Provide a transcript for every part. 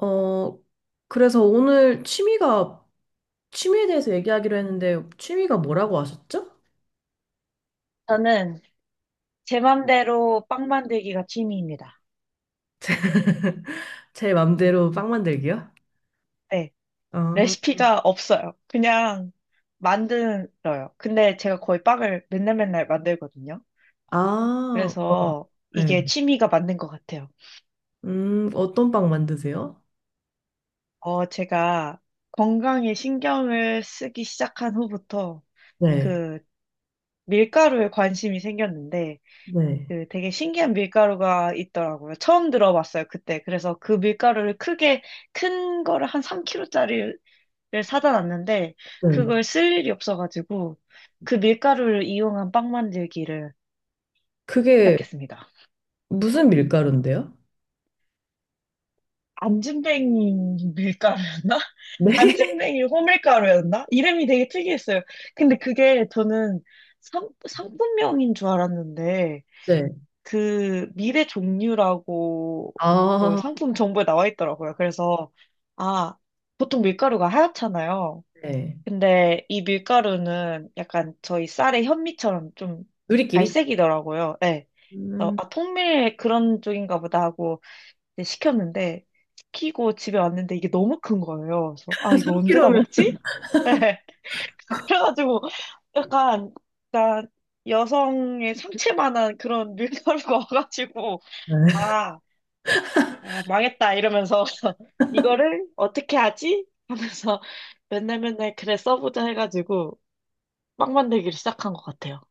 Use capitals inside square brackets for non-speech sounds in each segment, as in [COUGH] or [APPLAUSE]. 어, 그래서 오늘 취미에 대해서 얘기하기로 했는데, 취미가 뭐라고 하셨죠? 저는 제 맘대로 빵 만들기가 취미입니다. [LAUGHS] 제 맘대로 빵 만들기요? 네. 아, 레시피가 없어요. 그냥 만들어요. 근데 제가 거의 빵을 맨날 맨날 만들거든요. 아, 그래서 이게 네. 취미가 맞는 것 같아요. 어떤 빵 만드세요? 어, 제가 건강에 신경을 쓰기 시작한 후부터 네, 그 밀가루에 관심이 생겼는데 네, 그 되게 신기한 밀가루가 있더라고요. 처음 들어봤어요, 그때. 그래서 그 밀가루를 크게 큰 거를 한 3kg짜리 를 사다 놨는데 네. 그걸 쓸 일이 없어가지고 그 밀가루를 이용한 빵 만들기를 그게 시작했습니다. 무슨 밀가루인데요? 안진뱅이 밀가루였나? [LAUGHS] [LAUGHS] 네, 안진뱅이 호밀가루였나? 이름이 되게 특이했어요. 근데 그게 저는 상품명인 줄 알았는데 네. 그 밀의 종류라고 그 아, 상품 정보에 나와 있더라고요. 그래서 아 보통 밀가루가 하얗잖아요. 네. 근데 이 밀가루는 약간 저희 쌀의 현미처럼 좀 누리끼리? 갈색이더라고요. 네. 그래서 음, 아, 통밀 그런 쪽인가 보다 하고 이제 시켰는데 시키고 집에 왔는데 이게 너무 큰 거예요. 그래서 [LAUGHS] 아 이걸 언제 다 3kg면. 먹지? [LAUGHS] 그래가지고 약간 약간 여성의 상체만한 그런 밀가루가 [LAUGHS] 와가지고 아, 아, 망했다 이러면서 [LAUGHS] 이거를 어떻게 하지? 하면서 맨날 맨날 그래 써보자 해가지고 빵 만들기를 시작한 것 같아요.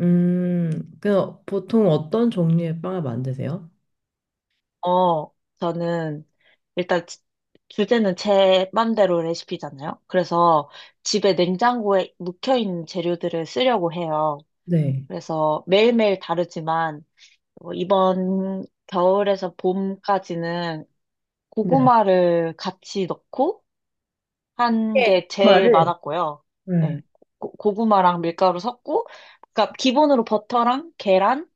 그냥 보통 어떤 종류의 빵을 만드세요? 어, 저는 일단 주제는 제 맘대로 레시피잖아요. 그래서 집에 냉장고에 묵혀있는 재료들을 쓰려고 해요. 네. 그래서 매일매일 다르지만 어, 이번 겨울에서 봄까지는 네. 고구마를 같이 넣고 한 이렇게 게 제일 말을 많았고요. 음, 네, 고구마랑 밀가루 섞고, 그러니까 기본으로 버터랑 계란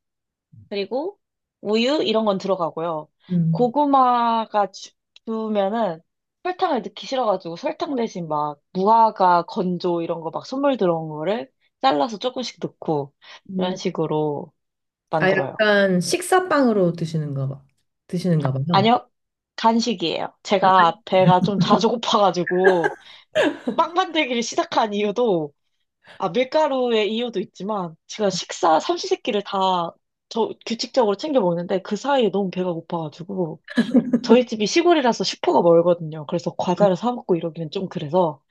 그리고 우유 이런 건 들어가고요. 음. 고구마가 주면은 설탕을 넣기 싫어가지고 설탕 대신 막 무화과 건조 이런 거 막 선물 들어온 거를 잘라서 조금씩 넣고 이런 음. 식으로 아, 만들어요. 약간 식사빵으로 드시는가 봐. 드시는가 봐요. 아니요, 간식이에요. 아, 제가 아니에요? 배가 좀 자주 고파가지고 빵 만들기를 시작한 이유도 아 밀가루의 이유도 있지만 제가 식사 삼시세끼를 다 저 규칙적으로 챙겨 먹는데 그 사이에 너무 배가 고파가지고 저희 집이 시골이라서 슈퍼가 멀거든요. 그래서 과자를 사 먹고 이러기는 좀 그래서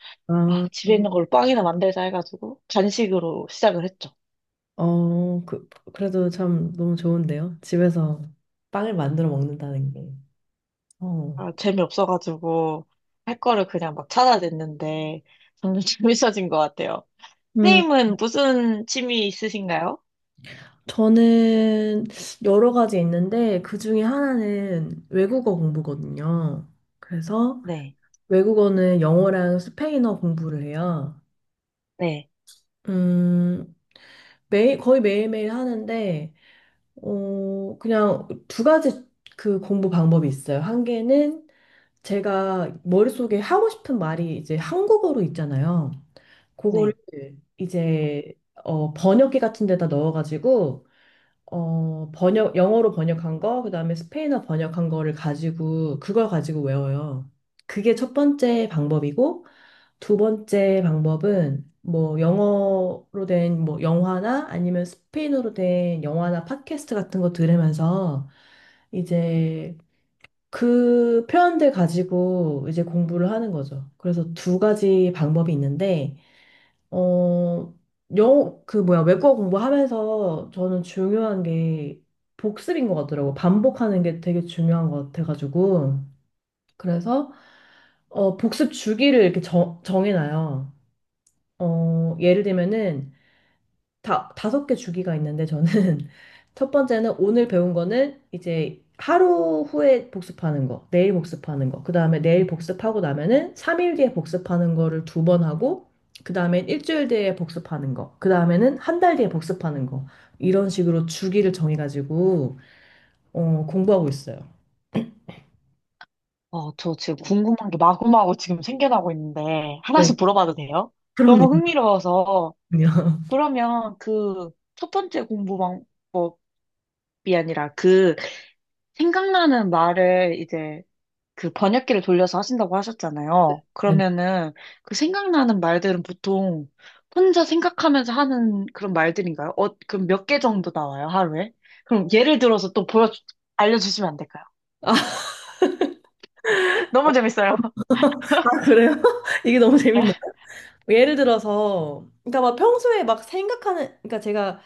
아, 아, 집에 있는 걸로 빵이나 만들자 해가지고 간식으로 시작을 했죠. 그래도 참 너무 좋은데요. 집에서 빵을 만들어 먹는다는 게. 어. 아, 재미없어가지고 할 거를 그냥 막 찾아냈는데 점점 [LAUGHS] 재밌어진 것 같아요. 음, 선생님은 무슨 취미 있으신가요? 저는 여러 가지 있는데 그 중에 하나는 외국어 공부거든요. 그래서 네, 외국어는 영어랑 스페인어 공부를 해요. 네, 음, 거의 매일매일 하는데 그냥 두 가지 그 공부 방법이 있어요. 한 개는 제가 머릿속에 하고 싶은 말이 이제 한국어로 있잖아요. 그거를 네. 이제 번역기 같은 데다 넣어가지고 영어로 번역한 거, 그다음에 스페인어 번역한 거를 가지고 그걸 가지고 외워요. 그게 첫 번째 방법이고 두 번째 방법은 뭐 영어로 된 뭐 영화나 아니면 스페인어로 된 영화나 팟캐스트 같은 거 들으면서 이제 그 표현들 가지고 이제 공부를 하는 거죠. 그래서 두 가지 방법이 있는데 어 영어 그 뭐야 외국어 공부하면서 저는 중요한 게 복습인 것 같더라고. 반복하는 게 되게 중요한 것 같아가지고 그래서 복습 주기를 이렇게 정해놔요. 예를 들면은 다섯 개 주기가 있는데 저는 [LAUGHS] 첫 번째는 오늘 배운 거는 이제 하루 후에 복습하는 거, 내일 복습하는 거, 그 다음에 내일 복습하고 나면은 3일 뒤에 복습하는 거를 두 번 하고, 그 다음에 일주일 뒤에 복습하는 거, 그 다음에는 한 달 뒤에 복습하는 거, 이런 식으로 주기를 정해가지고, 공부하고 있어요. 어, 저 지금 궁금한 게 마구마구 지금 생겨나고 있는데 네, 하나씩 물어봐도 돼요? 그럼요, 너무 흥미로워서 그럼요. 그러면 그 첫 번째 공부 방법이 아니라 그 생각나는 말을 이제 그 번역기를 돌려서 하신다고 [LAUGHS] 하셨잖아요. 네. 그러면은 그 생각나는 말들은 보통 혼자 생각하면서 하는 그런 말들인가요? 어, 그럼 몇 개 정도 나와요, 하루에? 그럼 예를 들어서 또 알려주시면 안 될까요? 아, 너무 재밌어요. [LAUGHS] 그래요? [LAUGHS] 이게 너무 네. 재밌네요. 뭐 예를 들어서, 그러니까 막 평소에 막 생각하는, 그러니까 제가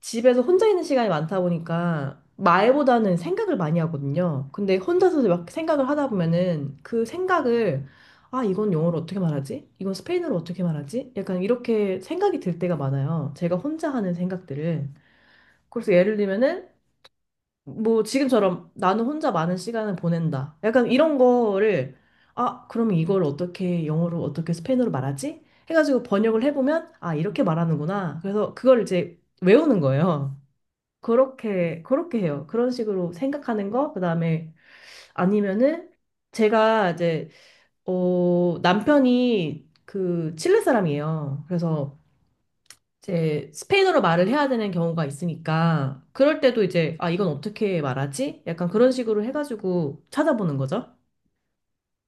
집에서 혼자 있는 시간이 많다 보니까 말보다는 생각을 많이 하거든요. 근데 혼자서 막 생각을 하다 보면은 그 생각을, 아, 이건 영어로 어떻게 말하지? 이건 스페인어로 어떻게 말하지? 약간 이렇게 생각이 들 때가 많아요. 제가 혼자 하는 생각들을. 그래서 예를 들면은 뭐 지금처럼 나는 혼자 많은 시간을 보낸다. 약간 이런 거를, 아, 그럼 이걸 어떻게 영어로 어떻게 스페인어로 말하지? 해가지고 번역을 해보면 아, 이렇게 말하는구나. 그래서 그걸 이제 외우는 거예요. 그렇게 해요. 그런 식으로 생각하는 거. 그다음에 아니면은 제가 이제 남편이 그 칠레 사람이에요. 그래서 이제 스페인어로 말을 해야 되는 경우가 있으니까 그럴 때도 이제 아, 이건 어떻게 말하지? 약간 그런 식으로 해가지고 찾아보는 거죠.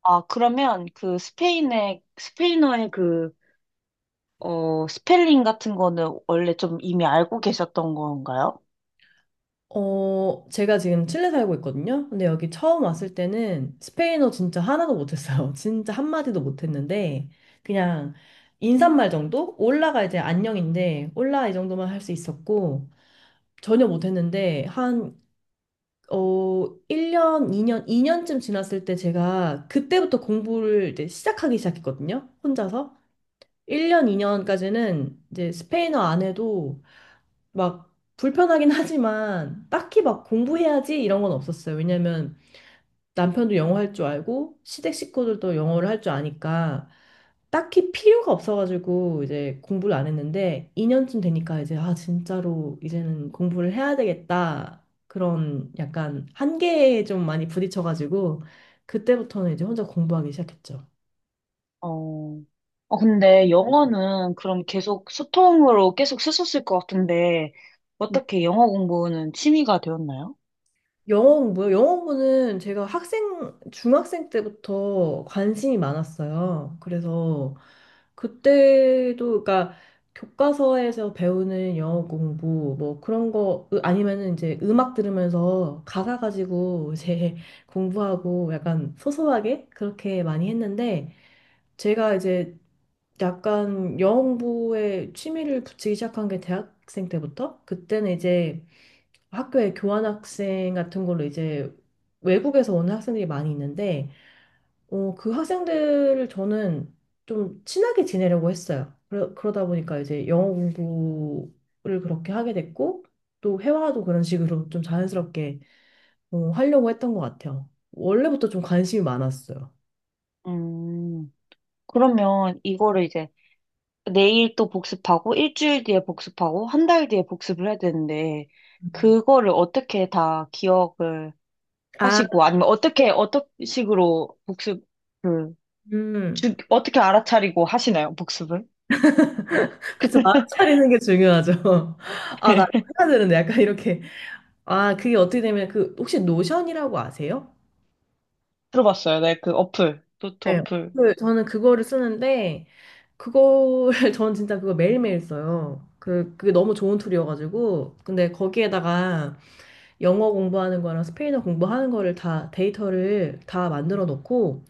아, 그러면 그 스페인어의 그, 어, 스펠링 같은 거는 원래 좀 이미 알고 계셨던 건가요? 제가 지금 칠레 살고 있거든요. 근데 여기 처음 왔을 때는 스페인어 진짜 하나도 못했어요. [LAUGHS] 진짜 한마디도 못했는데 그냥 인사말 정도? 올라가 이제 안녕인데 올라 이 정도만 할 수 있었고 전혀 못했는데 한 1년, 2년, 2년쯤 지났을 때 제가 그때부터 공부를 이제 시작하기 시작했거든요. 혼자서. 1년, 2년까지는 이제 스페인어 안 해도 막 불편하긴 [LAUGHS] 하지만 딱히 막 공부해야지 이런 건 없었어요. 왜냐면 남편도 영어 할 줄 알고 시댁 식구들도 영어를 할 줄 아니까 딱히 필요가 없어가지고 이제 공부를 안 했는데 2년쯤 되니까 이제, 아, 진짜로 이제는 공부를 해야 되겠다 그런 약간 한계에 좀 많이 부딪혀가지고 그때부터는 이제 혼자 공부하기 시작했죠. 어, 어, 근데 영어는 그럼 계속 소통으로 계속 쓰셨을 것 같은데, 어떻게 영어 공부는 취미가 되었나요? 영어 공부요? 영어 공부는 제가 중학생 때부터 관심이 많았어요. 그래서 그때도, 그러니까 교과서에서 배우는 영어 공부, 뭐 그런 거, 아니면은 이제 음악 들으면서 가사 가지고 이제 [LAUGHS] 공부하고 약간 소소하게 그렇게 많이 했는데, 제가 이제 약간 영어 공부에 취미를 붙이기 시작한 게 대학생 때부터? 그때는 이제 학교에 교환학생 같은 걸로 이제 외국에서 오는 학생들이 많이 있는데 그 학생들을 저는 좀 친하게 지내려고 했어요. 그러다 보니까 이제 영어 공부를 그렇게 하게 됐고 또 회화도 그런 식으로 좀 자연스럽게 하려고 했던 것 같아요. 원래부터 좀 관심이 많았어요. 음, 그러면 이거를 이제 내일 또 복습하고, 일주일 뒤에 복습하고, 한 달 뒤에 복습을 해야 되는데, 음. 그거를 어떻게 다 기억을 아, 하시고, 아니면 어떻게, 어떤 식으로 복습을, 음, 어떻게 알아차리고 하시나요? 복습을? 그쵸. 마음 차리는 게 중요하죠. [LAUGHS] 아, 나 해야 되는데 약간 이렇게. 아, 그게 어떻게 되면 그 혹시 노션이라고 아세요? 들어봤어요. 네, 그 어플, 노트 네, 어플. 저는 그거를 쓰는데 그거를 [LAUGHS] 저는 진짜 그거 매일매일 써요. 그게 너무 좋은 툴이어가지고 근데 거기에다가 영어 공부하는 거랑 스페인어 공부하는 거를 다 데이터를 다 만들어 놓고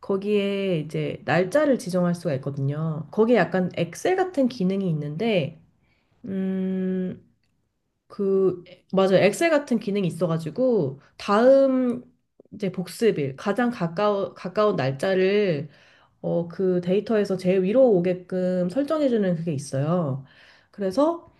거기에 이제 날짜를 지정할 수가 있거든요. 거기에 약간 엑셀 같은 기능이 있는데 음 그 맞아요. 엑셀 같은 기능이 있어가지고 다음 이제 복습일 가장 가까운 날짜를 그 데이터에서 제일 위로 오게끔 설정해주는 그게 있어요. 그래서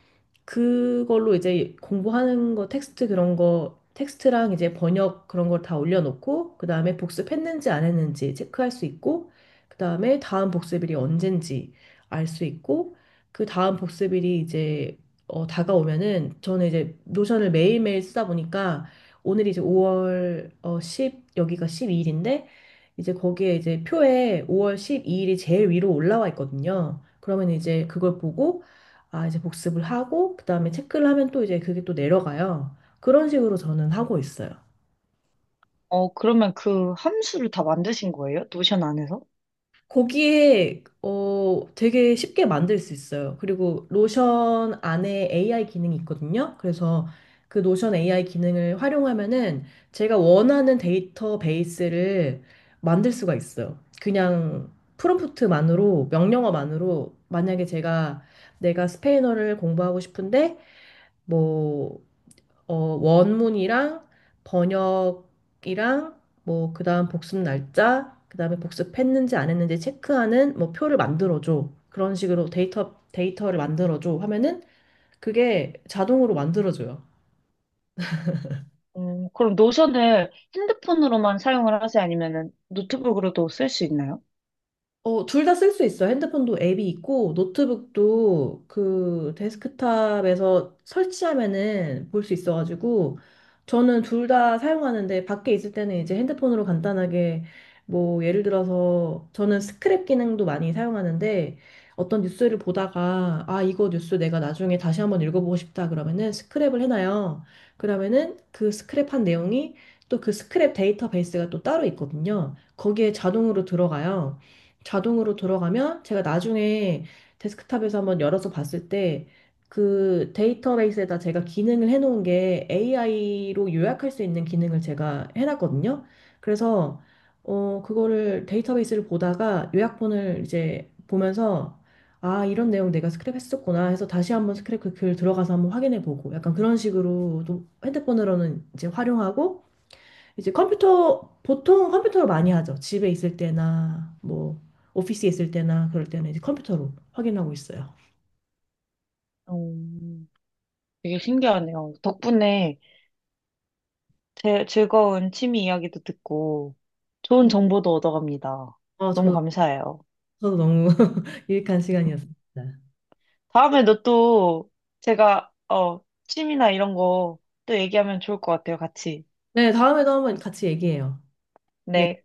그걸로 이제 공부하는 거 텍스트 그런 거 텍스트랑 이제 번역 그런 걸 다 올려놓고 그 다음에 복습했는지 안 했는지 체크할 수 있고 그 다음에 다음 복습일이 언젠지 알 수 있고 그 다음 복습일이 이제 다가오면은 저는 이제 노션을 매일매일 쓰다 보니까 오늘이 이제 5월 10 여기가 12일인데 이제 거기에 이제 표에 5월 12일이 제일 위로 올라와 있거든요. 그러면 이제 그걸 보고 아, 이제 복습을 하고, 그 다음에 체크를 하면 또 이제 그게 또 내려가요. 그런 식으로 저는 하고 있어요. 어, 그러면 그 함수를 다 만드신 거예요? 노션 안에서? 거기에, 되게 쉽게 만들 수 있어요. 그리고 노션 안에 AI 기능이 있거든요. 그래서 그 노션 AI 기능을 활용하면은 제가 원하는 데이터베이스를 만들 수가 있어요. 그냥 프롬프트만으로, 명령어만으로, 만약에 제가 내가 스페인어를 공부하고 싶은데, 뭐 어, 원문이랑 번역이랑 뭐 그다음 복습 날짜, 그다음에 복습했는지 안 했는지 체크하는 뭐 표를 만들어 줘. 그런 식으로 데이터를 만들어 줘 하면은 그게 자동으로 만들어 줘요. 그럼 노션을 핸드폰으로만 사용을 하세요? 아니면은 노트북으로도 쓸 수 있나요? 둘 다 쓸 수 있어. 핸드폰도 앱이 있고, 노트북도 그 데스크탑에서 설치하면은 볼 수 있어가지고, 저는 둘 다 사용하는데, 밖에 있을 때는 이제 핸드폰으로 간단하게, 뭐, 예를 들어서, 저는 스크랩 기능도 많이 사용하는데, 어떤 뉴스를 보다가, 아, 이거 뉴스 내가 나중에 다시 한번 읽어보고 싶다. 그러면은 스크랩을 해놔요. 그러면은 그 스크랩한 내용이 또 그 스크랩 데이터베이스가 또 따로 있거든요. 거기에 자동으로 들어가요. 자동으로 들어가면 제가 나중에 데스크탑에서 한번 열어서 봤을 때 그 데이터베이스에다 제가 기능을 해놓은 게 AI로 요약할 수 있는 기능을 제가 해놨거든요. 그래서 그거를 데이터베이스를 보다가 요약본을 이제 보면서 아, 이런 내용 내가 스크랩했었구나 해서 다시 한번 스크랩 그 글 들어가서 한번 확인해 보고 약간 그런 식으로 또 핸드폰으로는 이제 활용하고 이제 보통 컴퓨터로 많이 하죠. 집에 있을 때나, 뭐, 오피스에 있을 때나, 그럴 때는 이제 컴퓨터로 확인하고 있어요. 음, 되게 신기하네요. 덕분에 즐거운 취미 이야기도 듣고 좋은 정보도 얻어갑니다. 어, 너무 저, 감사해요. 저도 너무 [LAUGHS] 유익한 시간이었습니다. 다음에도 또 제가, 어, 취미나 이런 거 또 얘기하면 좋을 것 같아요, 같이. 네, 다음에도 한번 같이 얘기해요. 네. 네.